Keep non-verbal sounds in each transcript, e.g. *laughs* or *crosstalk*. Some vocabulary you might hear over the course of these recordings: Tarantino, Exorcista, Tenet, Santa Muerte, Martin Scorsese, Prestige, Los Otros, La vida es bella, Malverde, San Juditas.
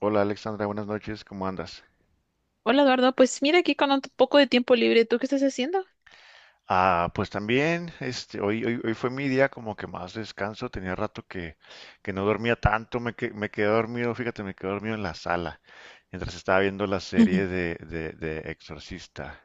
Hola Alexandra, buenas noches, ¿cómo andas? Hola Eduardo, pues mira aquí con un poco de tiempo libre, ¿tú qué estás haciendo? Ah, pues también, hoy fue mi día como que más descanso, tenía rato que no dormía tanto, me quedé dormido, fíjate, me quedé dormido en la sala, mientras estaba viendo la *laughs* serie de Exorcista.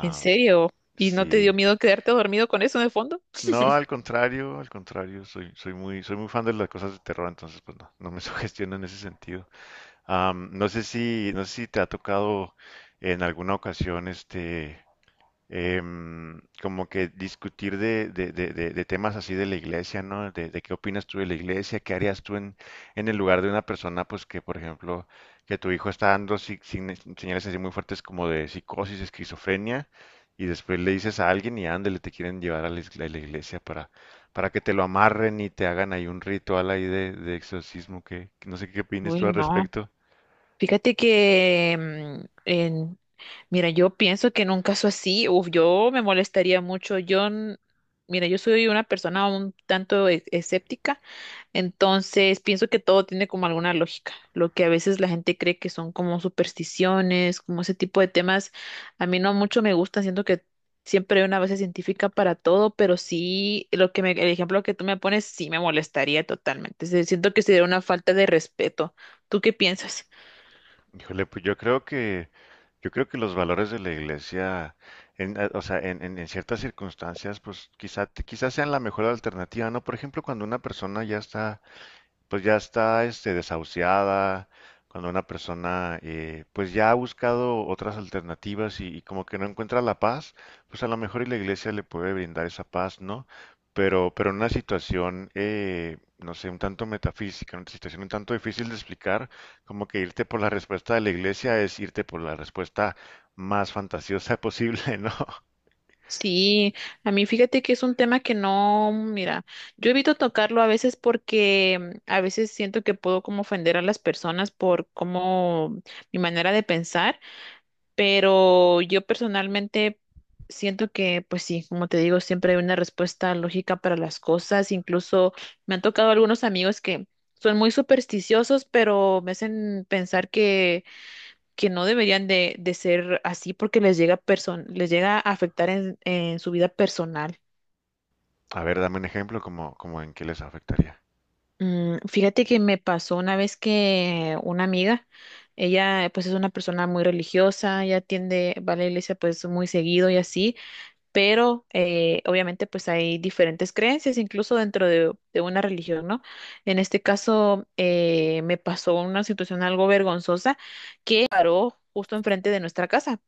¿En serio? ¿Y no te sí, dio miedo quedarte dormido con eso de fondo? no, al contrario, soy muy fan de las cosas de terror, entonces pues no, no me *laughs* sugestiono en ese sentido. Ah, no sé si te ha tocado en alguna ocasión como que discutir de temas así de la iglesia, ¿no? De qué opinas tú de la iglesia, qué harías tú en el lugar de una persona, pues que, por ejemplo, que tu hijo está dando señales así muy fuertes como de psicosis, esquizofrenia, y después le dices a alguien y ándale, te quieren llevar a a la iglesia para que te lo amarren y te hagan ahí un ritual ahí de exorcismo, que no sé qué opinas Uy, tú al no. respecto. Fíjate que, mm, en- Mira, yo pienso que en un caso así, uf, yo me molestaría mucho. Mira, yo soy una persona un tanto escéptica, entonces pienso que todo tiene como alguna lógica. Lo que a veces la gente cree que son como supersticiones, como ese tipo de temas, a mí no mucho me gustan. Siento que siempre hay una base científica para todo, pero sí, lo que me, el ejemplo que tú me pones sí me molestaría totalmente. Siento que sería una falta de respeto. ¿Tú qué piensas? Híjole, pues yo creo que... Yo creo que los valores de la iglesia, o sea, en ciertas circunstancias, pues quizás sean la mejor alternativa, ¿no? Por ejemplo, cuando una persona ya está pues ya está desahuciada, cuando una persona pues ya ha buscado otras alternativas y como que no encuentra la paz, pues a lo mejor y la iglesia le puede brindar esa paz, ¿no? Pero en una situación, no sé, un tanto metafísica, una situación un tanto difícil de explicar, como que irte por la respuesta de la iglesia es irte por la respuesta más fantasiosa posible, *laughs* ¿no? Sí, a mí fíjate que es un tema que no, mira, yo evito tocarlo a veces porque a veces siento que puedo como ofender a las personas por como mi manera de pensar. Pero yo personalmente siento que, pues sí, como te digo, siempre hay una respuesta lógica para las cosas. Incluso me han tocado algunos amigos que son muy supersticiosos, pero me hacen pensar que no deberían de ser así porque les llega, les llega a afectar en su vida personal. A ver, dame un ejemplo, como, como en qué les afectaría. Fíjate que me pasó una vez que una amiga, ella pues es una persona muy religiosa, ella tiende, va a la iglesia pues muy seguido y así. Pero obviamente pues hay diferentes creencias, incluso dentro de una religión, ¿no? En este caso me pasó una situación algo vergonzosa que paró justo enfrente de nuestra casa.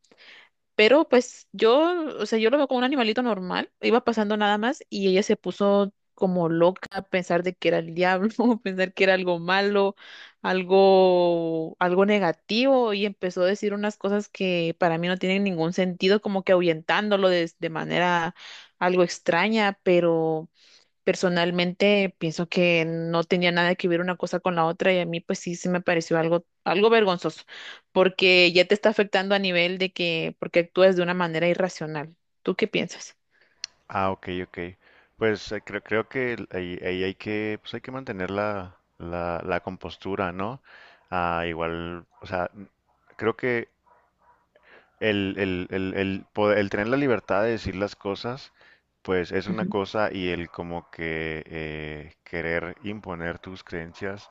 Pero pues yo, o sea, yo lo veo como un animalito normal, iba pasando nada más y ella se puso como loca a pensar de que era el diablo, *laughs* pensar que era algo malo, algo, algo negativo y empezó a decir unas cosas que para mí no tienen ningún sentido, como que ahuyentándolo de manera algo extraña, pero... Personalmente pienso que no tenía nada que ver una cosa con la otra y a mí pues sí se me pareció algo, algo vergonzoso, porque ya te está afectando a nivel de que, porque actúas de una manera irracional. ¿Tú qué piensas? Ah, ok, ok. Pues creo que ahí hay que, pues hay que mantener la compostura, ¿no? Ah, igual, o sea, creo que el tener la libertad de decir las cosas, pues es una Ujú, cosa y el como que querer imponer tus creencias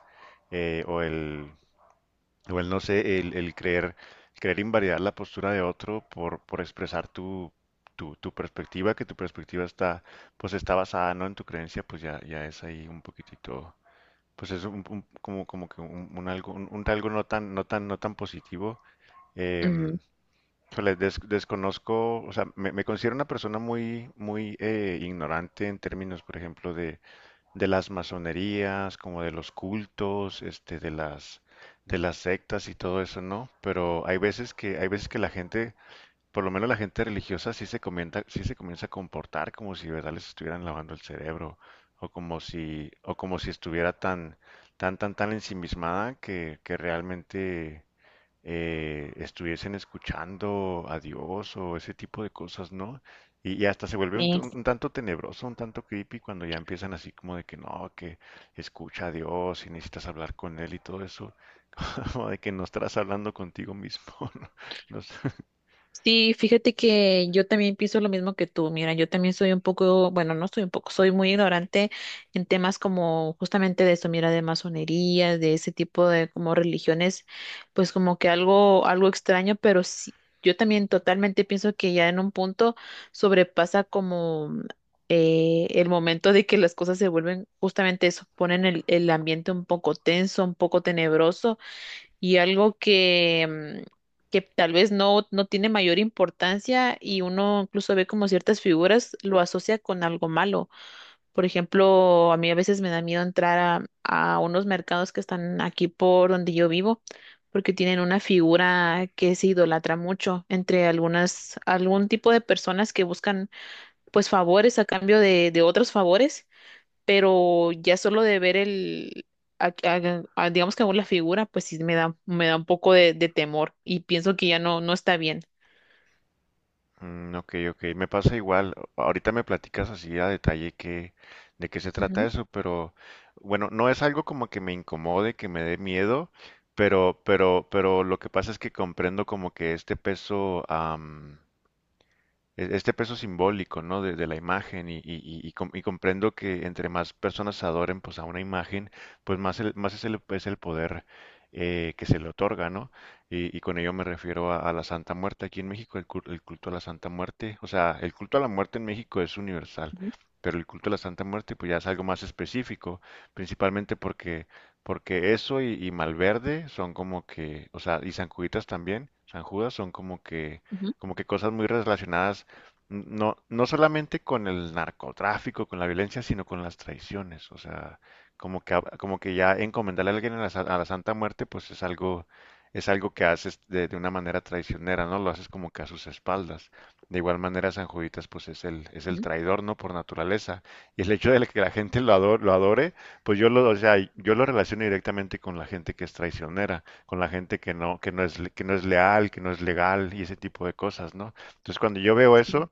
eh, o el, igual no sé, el creer, creer invalidar la postura de otro por expresar tu perspectiva, que tu perspectiva está, pues está basada no en tu creencia, pues ya es ahí un poquitito, pues es como, como que un algo no tan positivo. Em, ujú. híjole, desconozco, o sea, me considero una persona muy ignorante en términos, por ejemplo, de las masonerías, como de los cultos, de de las sectas y todo eso, ¿no? Pero hay veces hay veces que la gente, por lo menos la gente religiosa, sí se comienza a comportar como si de verdad les estuvieran lavando el cerebro, o como si estuviera tan ensimismada que realmente estuviesen escuchando a Dios o ese tipo de cosas, ¿no? Y hasta se vuelve un tanto tenebroso, un tanto creepy cuando ya empiezan así como de que no, que escucha a Dios y necesitas hablar con Él y todo eso, *laughs* como de que no estarás hablando contigo mismo, *laughs* ¿no? No sé. Sí, fíjate que yo también pienso lo mismo que tú. Mira, yo también soy un poco, bueno, no soy un poco, soy muy ignorante en temas como justamente de eso, mira, de masonería, de ese tipo de como religiones, pues como que algo, algo extraño, pero sí, yo también totalmente pienso que ya en un punto sobrepasa como el momento de que las cosas se vuelven justamente eso, ponen el ambiente un poco tenso, un poco tenebroso y algo que, mm, que tal vez no, no tiene mayor importancia y uno incluso ve como ciertas figuras lo asocia con algo malo. Por ejemplo, a mí a veces me da miedo entrar a unos mercados que están aquí por donde yo vivo, porque tienen una figura que se idolatra mucho entre algunas, algún tipo de personas que buscan pues favores a cambio de otros favores, pero ya solo de ver el, digamos que aún la figura, pues sí me da un poco de temor y pienso que ya no, no está bien. Mm, ok, ok, me pasa igual. Ahorita me platicas así a detalle de qué se trata Ujú, eso, pero bueno, no es algo como que me incomode, que me dé miedo, pero lo que pasa es que comprendo como que este este peso simbólico, ¿no? De la imagen y comprendo que entre más personas adoren pues a una imagen, pues más es es el poder que se le otorga, ¿no? Y con ello me refiero a la Santa Muerte aquí en México, el culto a la Santa Muerte, o sea, el culto a la muerte en México es universal, ujú, pero el culto a la Santa Muerte pues ya es algo más específico, principalmente porque y Malverde son como que, o sea, y San Juditas también, San Judas son ujú, como que cosas muy relacionadas no solamente con el narcotráfico, con la violencia, sino con las traiciones. O sea, como como que ya encomendarle a alguien a a la Santa Muerte, pues es es algo que haces de una manera traicionera, ¿no? Lo haces como que a sus espaldas. De igual manera, San Juditas, pues es es el ujú. traidor, ¿no? Por naturaleza. Y el hecho de que la gente lo adore, pues o sea, yo lo relaciono directamente con la gente que es traicionera, con la gente que no, que no es leal, que no es legal y ese tipo de cosas, ¿no? Entonces, cuando yo veo Sí, eso,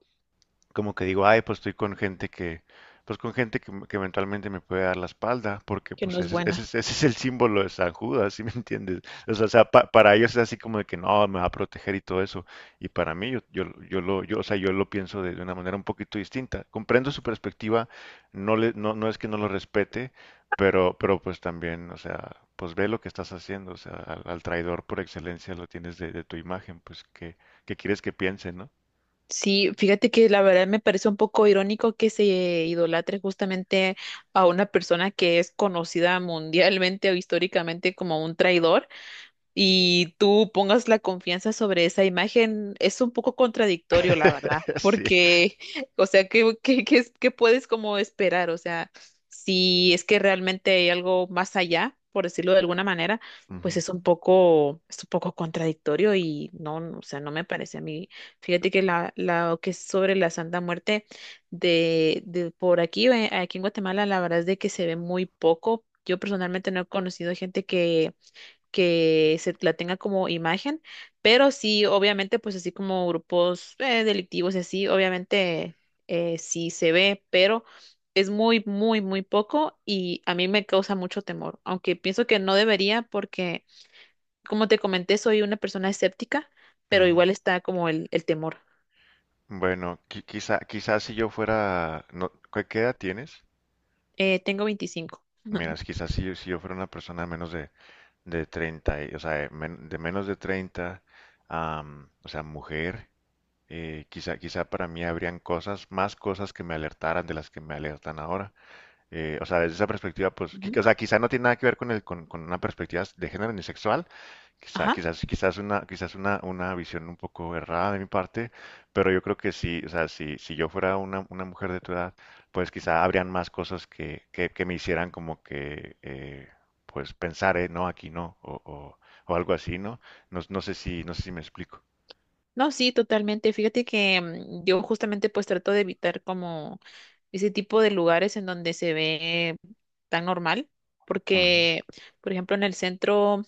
como que digo, ay, pues estoy con gente pues con gente que eventualmente me puede dar la espalda, porque que pues no es buena. Ese es el símbolo de San Judas, ¿sí me entiendes? O sea, para ellos es así como de que no, me va a proteger y todo eso, y para mí o sea, yo lo pienso de una manera un poquito distinta. Comprendo su perspectiva, no es que no lo respete, pero pues también, o sea, pues ve lo que estás haciendo, o sea, al traidor por excelencia lo tienes de tu imagen, pues que quieres que piense, ¿no? Sí, fíjate que la verdad me parece un poco irónico que se idolatre justamente a una persona que es conocida mundialmente o históricamente como un traidor y tú pongas la confianza sobre esa imagen, es un poco contradictorio, la *laughs* verdad, Sí. porque, *laughs* o sea, ¿qué, qué, qué qué puedes como esperar? O sea, si es que realmente hay algo más allá, por decirlo de alguna manera, pues Ujú, es un poco contradictorio y no, no, o sea, no me parece a mí. Fíjate que que es sobre la Santa Muerte de por aquí, aquí en Guatemala, la verdad es de que se ve muy poco. Yo personalmente no he conocido gente que se la tenga como imagen, pero sí, obviamente, pues así como grupos delictivos y así, obviamente sí se ve, pero es muy, muy, muy poco y a mí me causa mucho temor, aunque pienso que no debería porque, como te comenté, soy una persona escéptica, pero ujú. igual está como el temor. Bueno, quizás si yo fuera, no, ¿qué qué edad tienes? Tengo 25. Miras, quizás si, si yo fuera una persona menos de 30, o sea, de menos de 30, am, o sea, mujer, quizá para mí habrían cosas, más cosas que me alertaran de las que me alertan ahora. O sea, desde esa perspectiva, pues, Ujú. O sea, quizá no tiene nada que ver con el, con una perspectiva de género ni sexual, Quizá- Ajá. quizás, quizás una, quizás una, una visión un poco errada de mi parte, pero yo creo que sí, o sea, si yo fuera una mujer de tu edad, pues quizá habrían más cosas que me hicieran como que, pues pensar, no, aquí no, o algo así, ¿no? No, no sé si me explico. No, sí, totalmente. Fíjate que yo justamente pues trato de evitar como ese tipo de lugares en donde se ve tan normal, Ujú. porque por ejemplo en el centro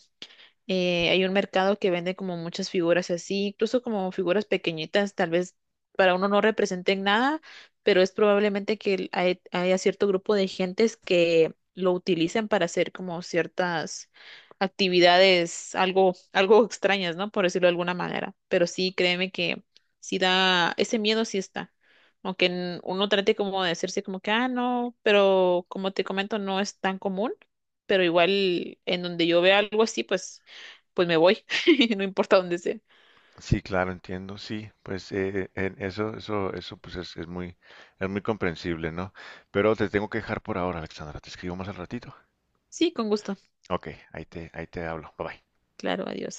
hay un mercado que vende como muchas figuras así, incluso como figuras pequeñitas, tal vez para uno no representen nada, pero es probablemente que haya cierto grupo de gentes que lo utilizan para hacer como ciertas actividades algo, algo extrañas, ¿no? Por decirlo de alguna manera. Pero sí, créeme que sí da, ese miedo sí está. Aunque uno trate como de hacerse como que, ah, no, pero como te comento, no es tan común, pero igual en donde yo vea algo así, pues me voy, *laughs* no importa dónde sea. Sí, claro, entiendo, sí, pues en eso, pues es, es muy comprensible, ¿no? Pero te tengo que dejar por ahora, Alexandra, te escribo más al ratito. Sí, con gusto. Ok, ahí te hablo, bye bye. Claro, adiós.